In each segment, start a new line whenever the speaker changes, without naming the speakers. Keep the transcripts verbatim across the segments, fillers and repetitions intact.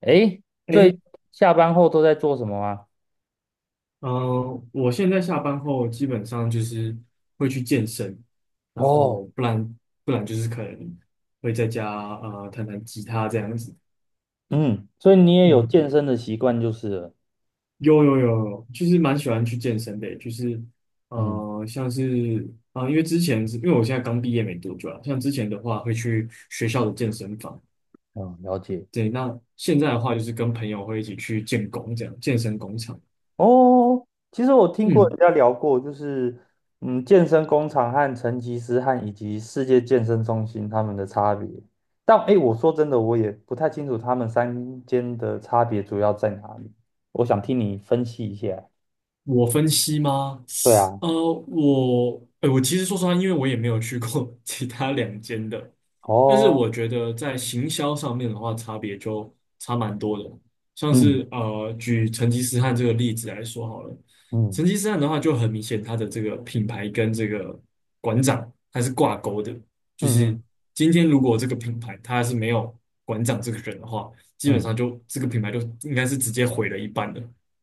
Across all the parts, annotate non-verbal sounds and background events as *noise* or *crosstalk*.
诶，最
诶，
下班后都在做什么啊？
嗯、我现在下班后基本上就是会去健身，然后
哦，
不然不然就是可能会在家呃弹弹吉他这样子。
嗯，所以你也有
嗯，
健身的习惯就是了。
有有有有，就是蛮喜欢去健身的，就是
嗯，
呃像是啊、呃因为之前是因为我现在刚毕业没多久啊，像之前的话会去学校的健身房，
哦，了解。
对，那现在的话就是跟朋友会一起去建工这样，健身工厂。
哦，其实我听过
嗯，
人家聊过，就是嗯，健身工厂和成吉思汗以及世界健身中心他们的差别。但诶，我说真的，我也不太清楚他们三间的差别主要在哪里。我想听你分析一下。
我分析吗？
对啊，
呃，我，呃，我其实说实话，因为我也没有去过 *laughs* 其他两间的，但是
哦，
我觉得在行销上面的话，差别就差蛮多的。像
嗯
是呃，举成吉思汗这个例子来说好了，成
嗯
吉思汗的话就很明显，他的这个品牌跟这个馆长他是挂钩的，就
嗯嗯
是今天如果这个品牌它是没有馆长这个人的话，基本
嗯，
上就这个品牌就应该是直接毁了一半的。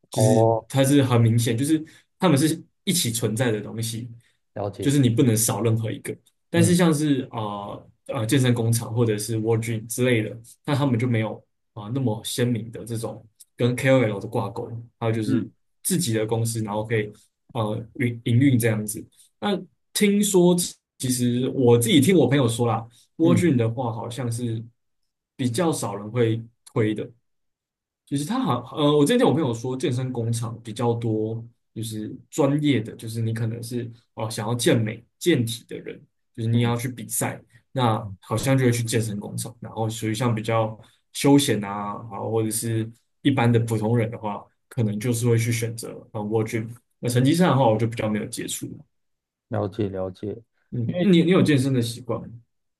就是
哦，
它是很明显，就是它们是一起存在的东西，
了
就
解。
是你不能少任何一个。但是
嗯。
像是啊啊呃呃健身工厂或者是 w o r d r e a m 之类的，那他们就没有啊、那么鲜明的这种跟 K O L 的挂钩，还有就
嗯
是自己的公司，然后可以呃营营运这样子。那听说其实我自己听我朋友说啦 w o r d r
嗯
e a m 的话好像是比较少人会推的。就是他好，呃，我之前听我朋友说，健身工厂比较多，就是专业的，就是你可能是哦想要健美、健体的人，就是你
嗯，
要去比赛，那
嗯
好像就会去健身工厂。然后属于像比较休闲啊，然后或者是一般的普通人的话，可能就是会去选择啊 w o r 那成绩上的话，我就比较没有接触。
了解了解，因
嗯，
为
你你有健身的习惯吗？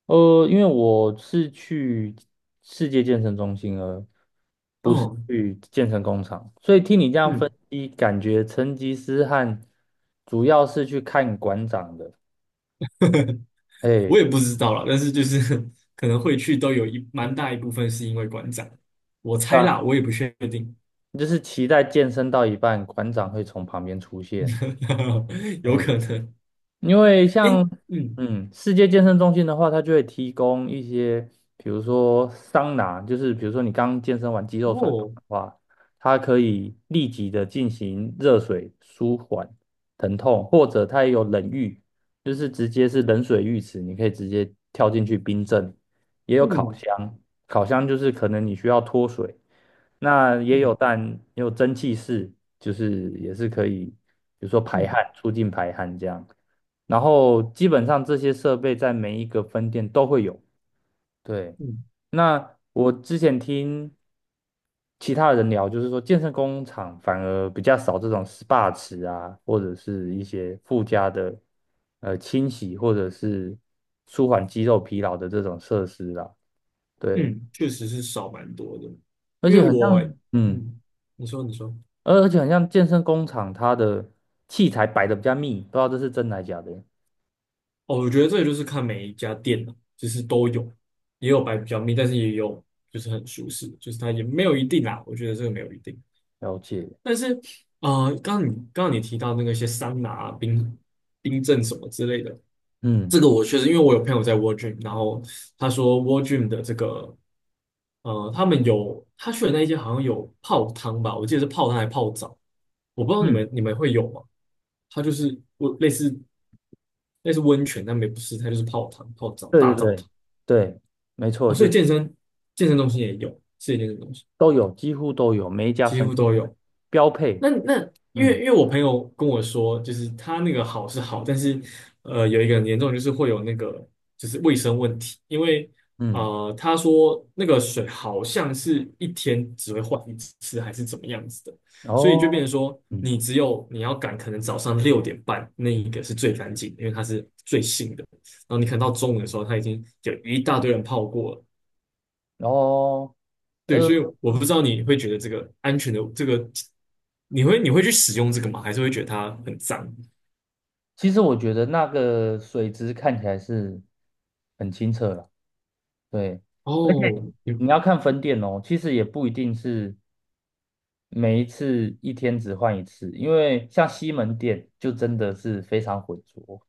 呃，因为我是去世界健身中心而不是
哦，
去健身工厂，所以听你这样分
嗯。
析，感觉成吉思汗主要是去看馆长的，
我
哎，
也不知道啦，但是就是 *laughs* 可能会去都有一蛮大一部分是因为馆长，我猜
啊，
啦，我也不确定，
就是期待健身到一半，馆长会从旁边出现，
*laughs* 有
哎，
可能。
因为
诶，
像
嗯，
嗯，世界健身中心的话，它就会提供一些，比如说桑拿，就是比如说你刚健身完肌肉酸痛
哦，
的话，它可以立即的进行热水舒缓疼痛，或者它也有冷浴，就是直接是冷水浴池，你可以直接跳进去冰镇，也有烤
嗯
箱，烤箱就是可能你需要脱水，那也有
嗯
但也有蒸汽室，就是也是可以，比如说排
嗯
汗，促进排汗这样。然后基本上这些设备在每一个分店都会有。对，
嗯
那我之前听其他人聊，就是说健身工厂反而比较少这种 S P A 池啊，或者是一些附加的呃清洗或者是舒缓肌肉疲劳的这种设施啦。对，
嗯，确实是少蛮多的，
而
因为
且很
我，
像，嗯，
嗯，你说你说，
而而且很像健身工厂，它的器材摆的比较密，不知道这是真的还假的。
哦，我觉得这个就是看每一家店了，就是都有，也有摆比较密，但是也有就是很舒适，就是它也没有一定啦，我觉得这个没有一定。
了解，
但是，呃，刚刚你刚刚你提到那个一些桑拿啊冰冰镇什么之类的，
嗯
这个我确实因为我有朋友在 War Gym，然后他说 War Gym 的这个，呃，他们有他去的那一些好像有泡汤吧，我记得是泡汤还泡澡，我不知道你
嗯。
们你们会有吗？它就是我类似类似温泉，但没不是，它就是泡汤、泡澡、
对
大
对
澡
对
堂。
对，没错，
哦，所
就
以
是
健身健身中心也有，是一健身中心
都有，几乎都有，每一家
几
分
乎
店
都有。
标配。
那那因为
嗯
因为我朋友跟我说，就是他那个好是好，但是呃有一个很严重的就是会有那个就是卫生问题，因为
嗯，
呃他说那个水好像是一天只会换一次还是怎么样子的，所以就变
哦，
成说
嗯
你只有你要赶可能早上六点半那一个是最干净的因为它是最新的，然后你可能到中午的时候它已经有一大堆人泡过了，
哦，
对，
呃，
所以我不知道你会觉得这个安全的这个，你会你会去使用这个吗？还是会觉得它很脏？
其实我觉得那个水质看起来是很清澈了。对，
哦，你
你要看分店哦，其实也不一定是每一次一天只换一次，因为像西门店就真的是非常浑浊。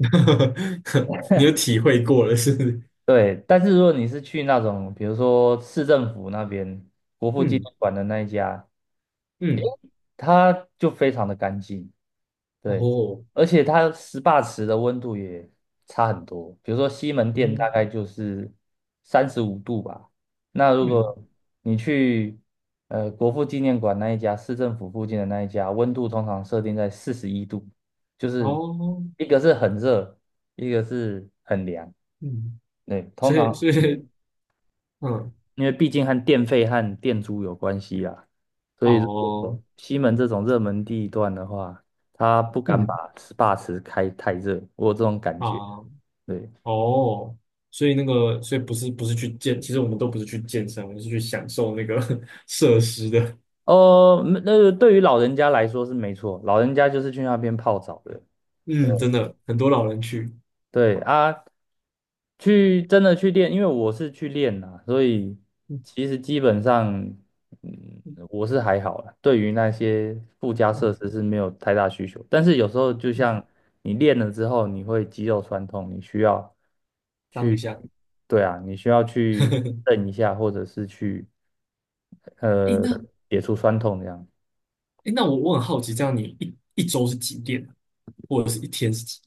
*laughs* 你有体会过了，是不是？
对，但是如果你是去那种，比如说市政府那边国
*laughs*
父纪
嗯
念馆的那一家，
嗯，
它就非常的干净，对，
哦，
而且它 S P A 池的温度也差很多。比如说西门店大
嗯
概就是三十五度吧，那如
嗯，
果你去呃国父纪念馆那一家，市政府附近的那一家，温度通常设定在四十一度，就是
哦，
一个是很热，一个是很凉，
嗯，
对，通
所以
常
所以嗯，
因为毕竟和电费和电租有关系啊，所以如
哦，
果西门这种热门地段的话，他不敢
嗯
把 S P A 池开太热，我有这种感觉。
啊，
对，
哦，所以那个所以不是不是去健，其实我们都不是去健身，我们是去享受那个 *laughs* 设施的。
哦，那、那对于老人家来说是没错，老人家就是去那边泡澡的。
嗯，真的很多老人去。
对啊，去真的去练，因为我是去练啦，所以
嗯
其实基本上，嗯，我是还好啦，对于那些附加设
嗯
施是没有太大需求。但是有时候就
嗯。
像你练了之后，你会肌肉酸痛，你需要
当一
去，
下。
对啊，你需要去
*laughs*
蹬一下，或者是去
诶，
呃
那
解除酸痛这样。
诶，那我我很好奇，这样你一一周是几点，或者是一天是几？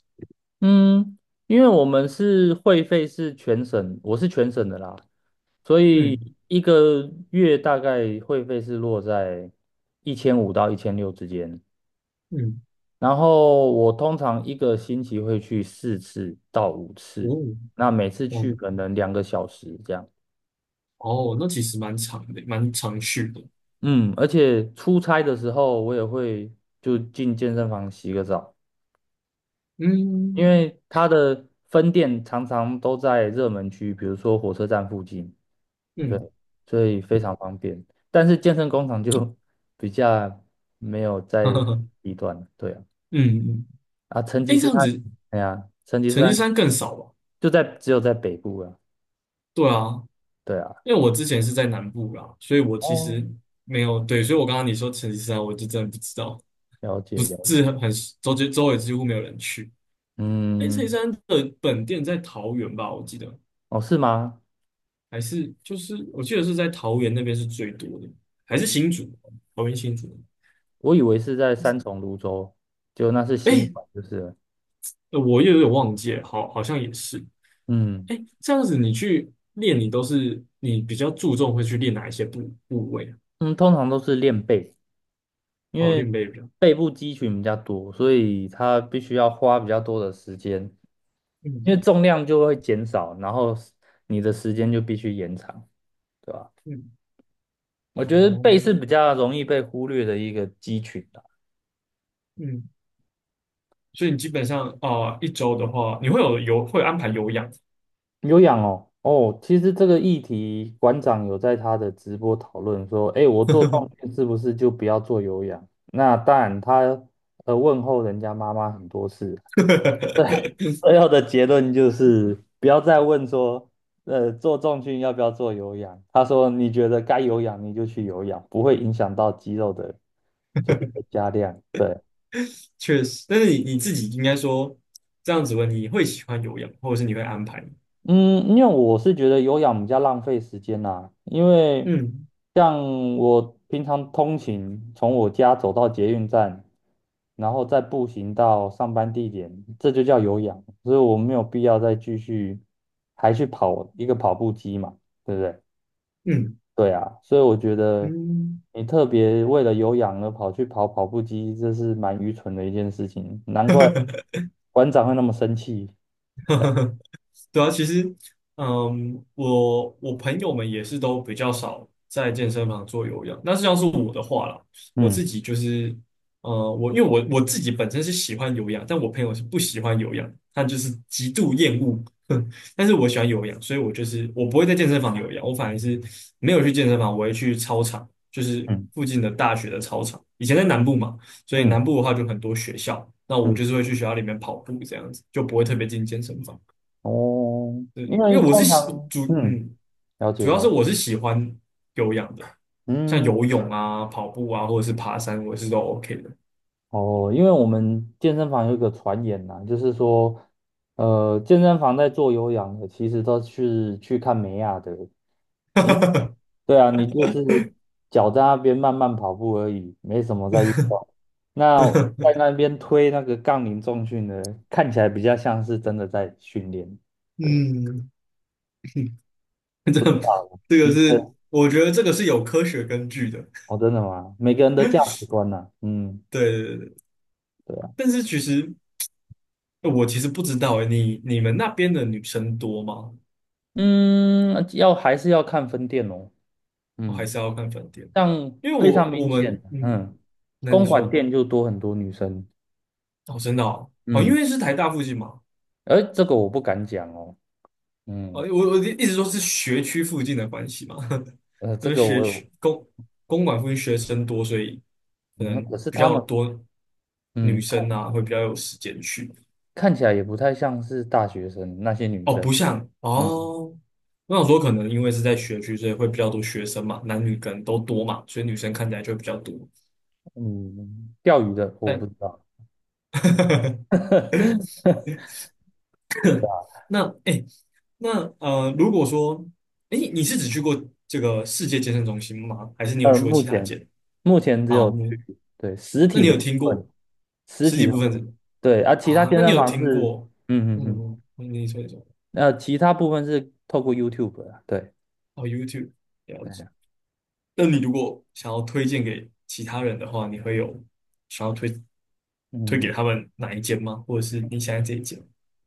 嗯，因为我们是会费是全省，我是全省的啦，所
嗯
以一个月大概会费是落在一千五到一千六之间。
嗯，
然后我通常一个星期会去四次到五
哦
次，那每次
哦
去可能两个小时这样。
哦，那其实蛮长的，蛮长续的。
嗯，而且出差的时候我也会就进健身房洗个澡，因
嗯
为它的分店常常都在热门区，比如说火车站附近。对，
嗯
所以非常方便。但是健身工厂就 *laughs* 比较没有
*laughs*
在
嗯
低端了，对啊，
嗯，
啊，成吉
诶，这
思
样
汗，
子
哎呀，成吉思
成绩
汗
山更少吧？
就在只有在北部啊，
对啊，
对啊，
因为我之前是在南部啦，所以我其
哦，
实没有对，所以我刚刚你说成绩山，我就真的不知道，
了解
不
了
是
解，
很很周周周围几乎没有人去。诶，成绩
嗯，
山的本店在桃园吧？我记得。
哦，是吗？
还是就是我记得是在桃园那边是最多的，还是新竹？桃园新竹？
我以为是在三重、泸州，就那是新
哎，
款，就是了
呃我又有点忘记了，好，好像也是。
嗯
哎，这样子你去练，你都是你比较注重会去练哪一些部部位啊？
嗯，通常都是练背。因
哦，
为
练背比较，
背部肌群比较多，所以它必须要花比较多的时间，
嗯
因为重量就会减少，然后你的时间就必须延长，对吧？
嗯，
我
哦
觉得背是比较容易被忽略的一个肌群的。
嗯，所以你基本上啊、呃一周的话，你会有有会安排有氧，
有氧哦，哦，其实这个议题馆长有在他的直播讨论说，哎，我做重训是不是就不要做有氧？那当然他呃问候人家妈妈很多次，*laughs*
*laughs*
最后的结论就是不要再问说，呃，做重训要不要做有氧？他说你觉得该有氧你就去有氧，不会影响到肌肉的，就是的加量。对，
确实。但是你你自己应该说这样子问，你会喜欢有氧，或者是你会安排？
嗯，因为我是觉得有氧比较浪费时间啦，因为
嗯
像我平常通勤，从我家走到捷运站，然后再步行到上班地点，这就叫有氧，所以我没有必要再继续还去跑一个跑步机嘛，对不对？
嗯
对啊，所以我觉得
嗯。
你特别为了有氧而跑去跑跑步机，这是蛮愚蠢的一件事情，难怪馆长会那么生气。对啊
对啊，其实，嗯，我我朋友们也是都比较少在健身房做有氧。那是像是我的话啦，我自
嗯
己就是，呃，我因为我我自己本身是喜欢有氧，但我朋友是不喜欢有氧，他就是极度厌恶。*laughs* 但是我喜欢有氧，所以我就是我不会在健身房有氧，我反而是没有去健身房，我会去操场，就是
嗯
附近的大学的操场。以前在南部嘛，所以
嗯
南部的话就很多学校，那我
嗯，
就是会去学校里面跑步这样子，就不会特别进健身房。
哦，
对，
因
因为
为
我是
通
喜
常，
主
嗯，
嗯，
了解
主要
了
是
解，
我是喜欢有氧的，像
嗯，
游泳啊、跑步啊，或者是爬山，我是都 OK 的。
哦，因为我们健身房有一个传言呐、就是说，呃，健身房在做有氧的，其实都是去看美亚的。因为。
*laughs*
对啊，你就是脚在那边慢慢跑步而已，没什么在运动。那在那边推那个杠铃重训的，看起来比较像是真的在训练。对，
嗯，*laughs*
不知
这
道啊，
这个
嗯，对
是我觉得这个是有科学根据的。
哦，真的吗？每个人的价值观呐、嗯，
对对对对
对啊，
但是其实我其实不知道诶，你你们那边的女生多吗？
嗯，要还是要看分店哦，
我还
嗯，
是要看饭店，
像
因为
非
我
常
我
明显，
们嗯，
嗯，
那你
公馆
说
店就多很多女生，
哦，真的哦，哦，因
嗯，
为是台大附近嘛，
而这个我不敢讲哦，
哦，
嗯，
我我的意思说是学区附近的关系嘛，
呃，
*laughs*
这
因为
个
学
我有，
区公公馆附近学生多，所以可能
嗯，可是
比
他
较
们。
多女
嗯。
生啊，会比较有时间去。
看起来也不太像是大学生那些女
哦，
生。
不像
嗯
哦，我想说可能因为是在学区，所以会比较多学生嘛，男女可能都多嘛，所以女生看起来就会比较多。
嗯，钓鱼的我不
但
知道。
*laughs*
*laughs*
那哎、诶那呃，如果说哎、诶你是只去过这个世界健身中心吗？还是你有
呃，
去过
目
其他
前
间？
目前只
啊，
有
嗯
去对实
那
体
你
的
有
部
听
分，
过？
实
十
体
几
的
部
部
分是
分对啊，其他
啊，
健
那你
身
有
房
听
是
过？
嗯嗯嗯，
嗯，你说一说
呃，其他部分是透过 YouTube 啊，对
哦，YouTube 了
对
解。
啊，
那你如果想要推荐给其他人的话，你会有想要推推给
嗯，
他们哪一间吗？或者是你想要这一间？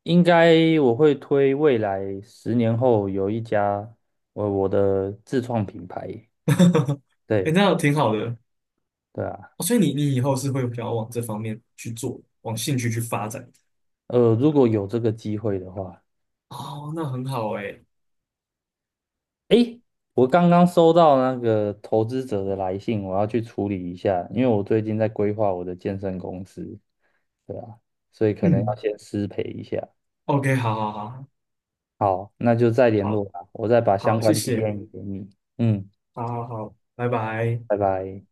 应该我会推未来十年后有一家我我的自创品牌，
哎，
对
那挺好的
对啊，
哦。所以你你以后是会想要往这方面去做，往兴趣去发展。
呃，如果有这个机会的话。
哦，那很好哎。
诶，我刚刚收到那个投资者的来信，我要去处理一下，因为我最近在规划我的健身公司，对啊，所以可能要
嗯
先失陪一下。
，OK，好好
好，那就再联络
好
吧，我再把
好
相
好，谢
关
谢，
D M 给你。嗯，
好好好，拜拜。
拜拜。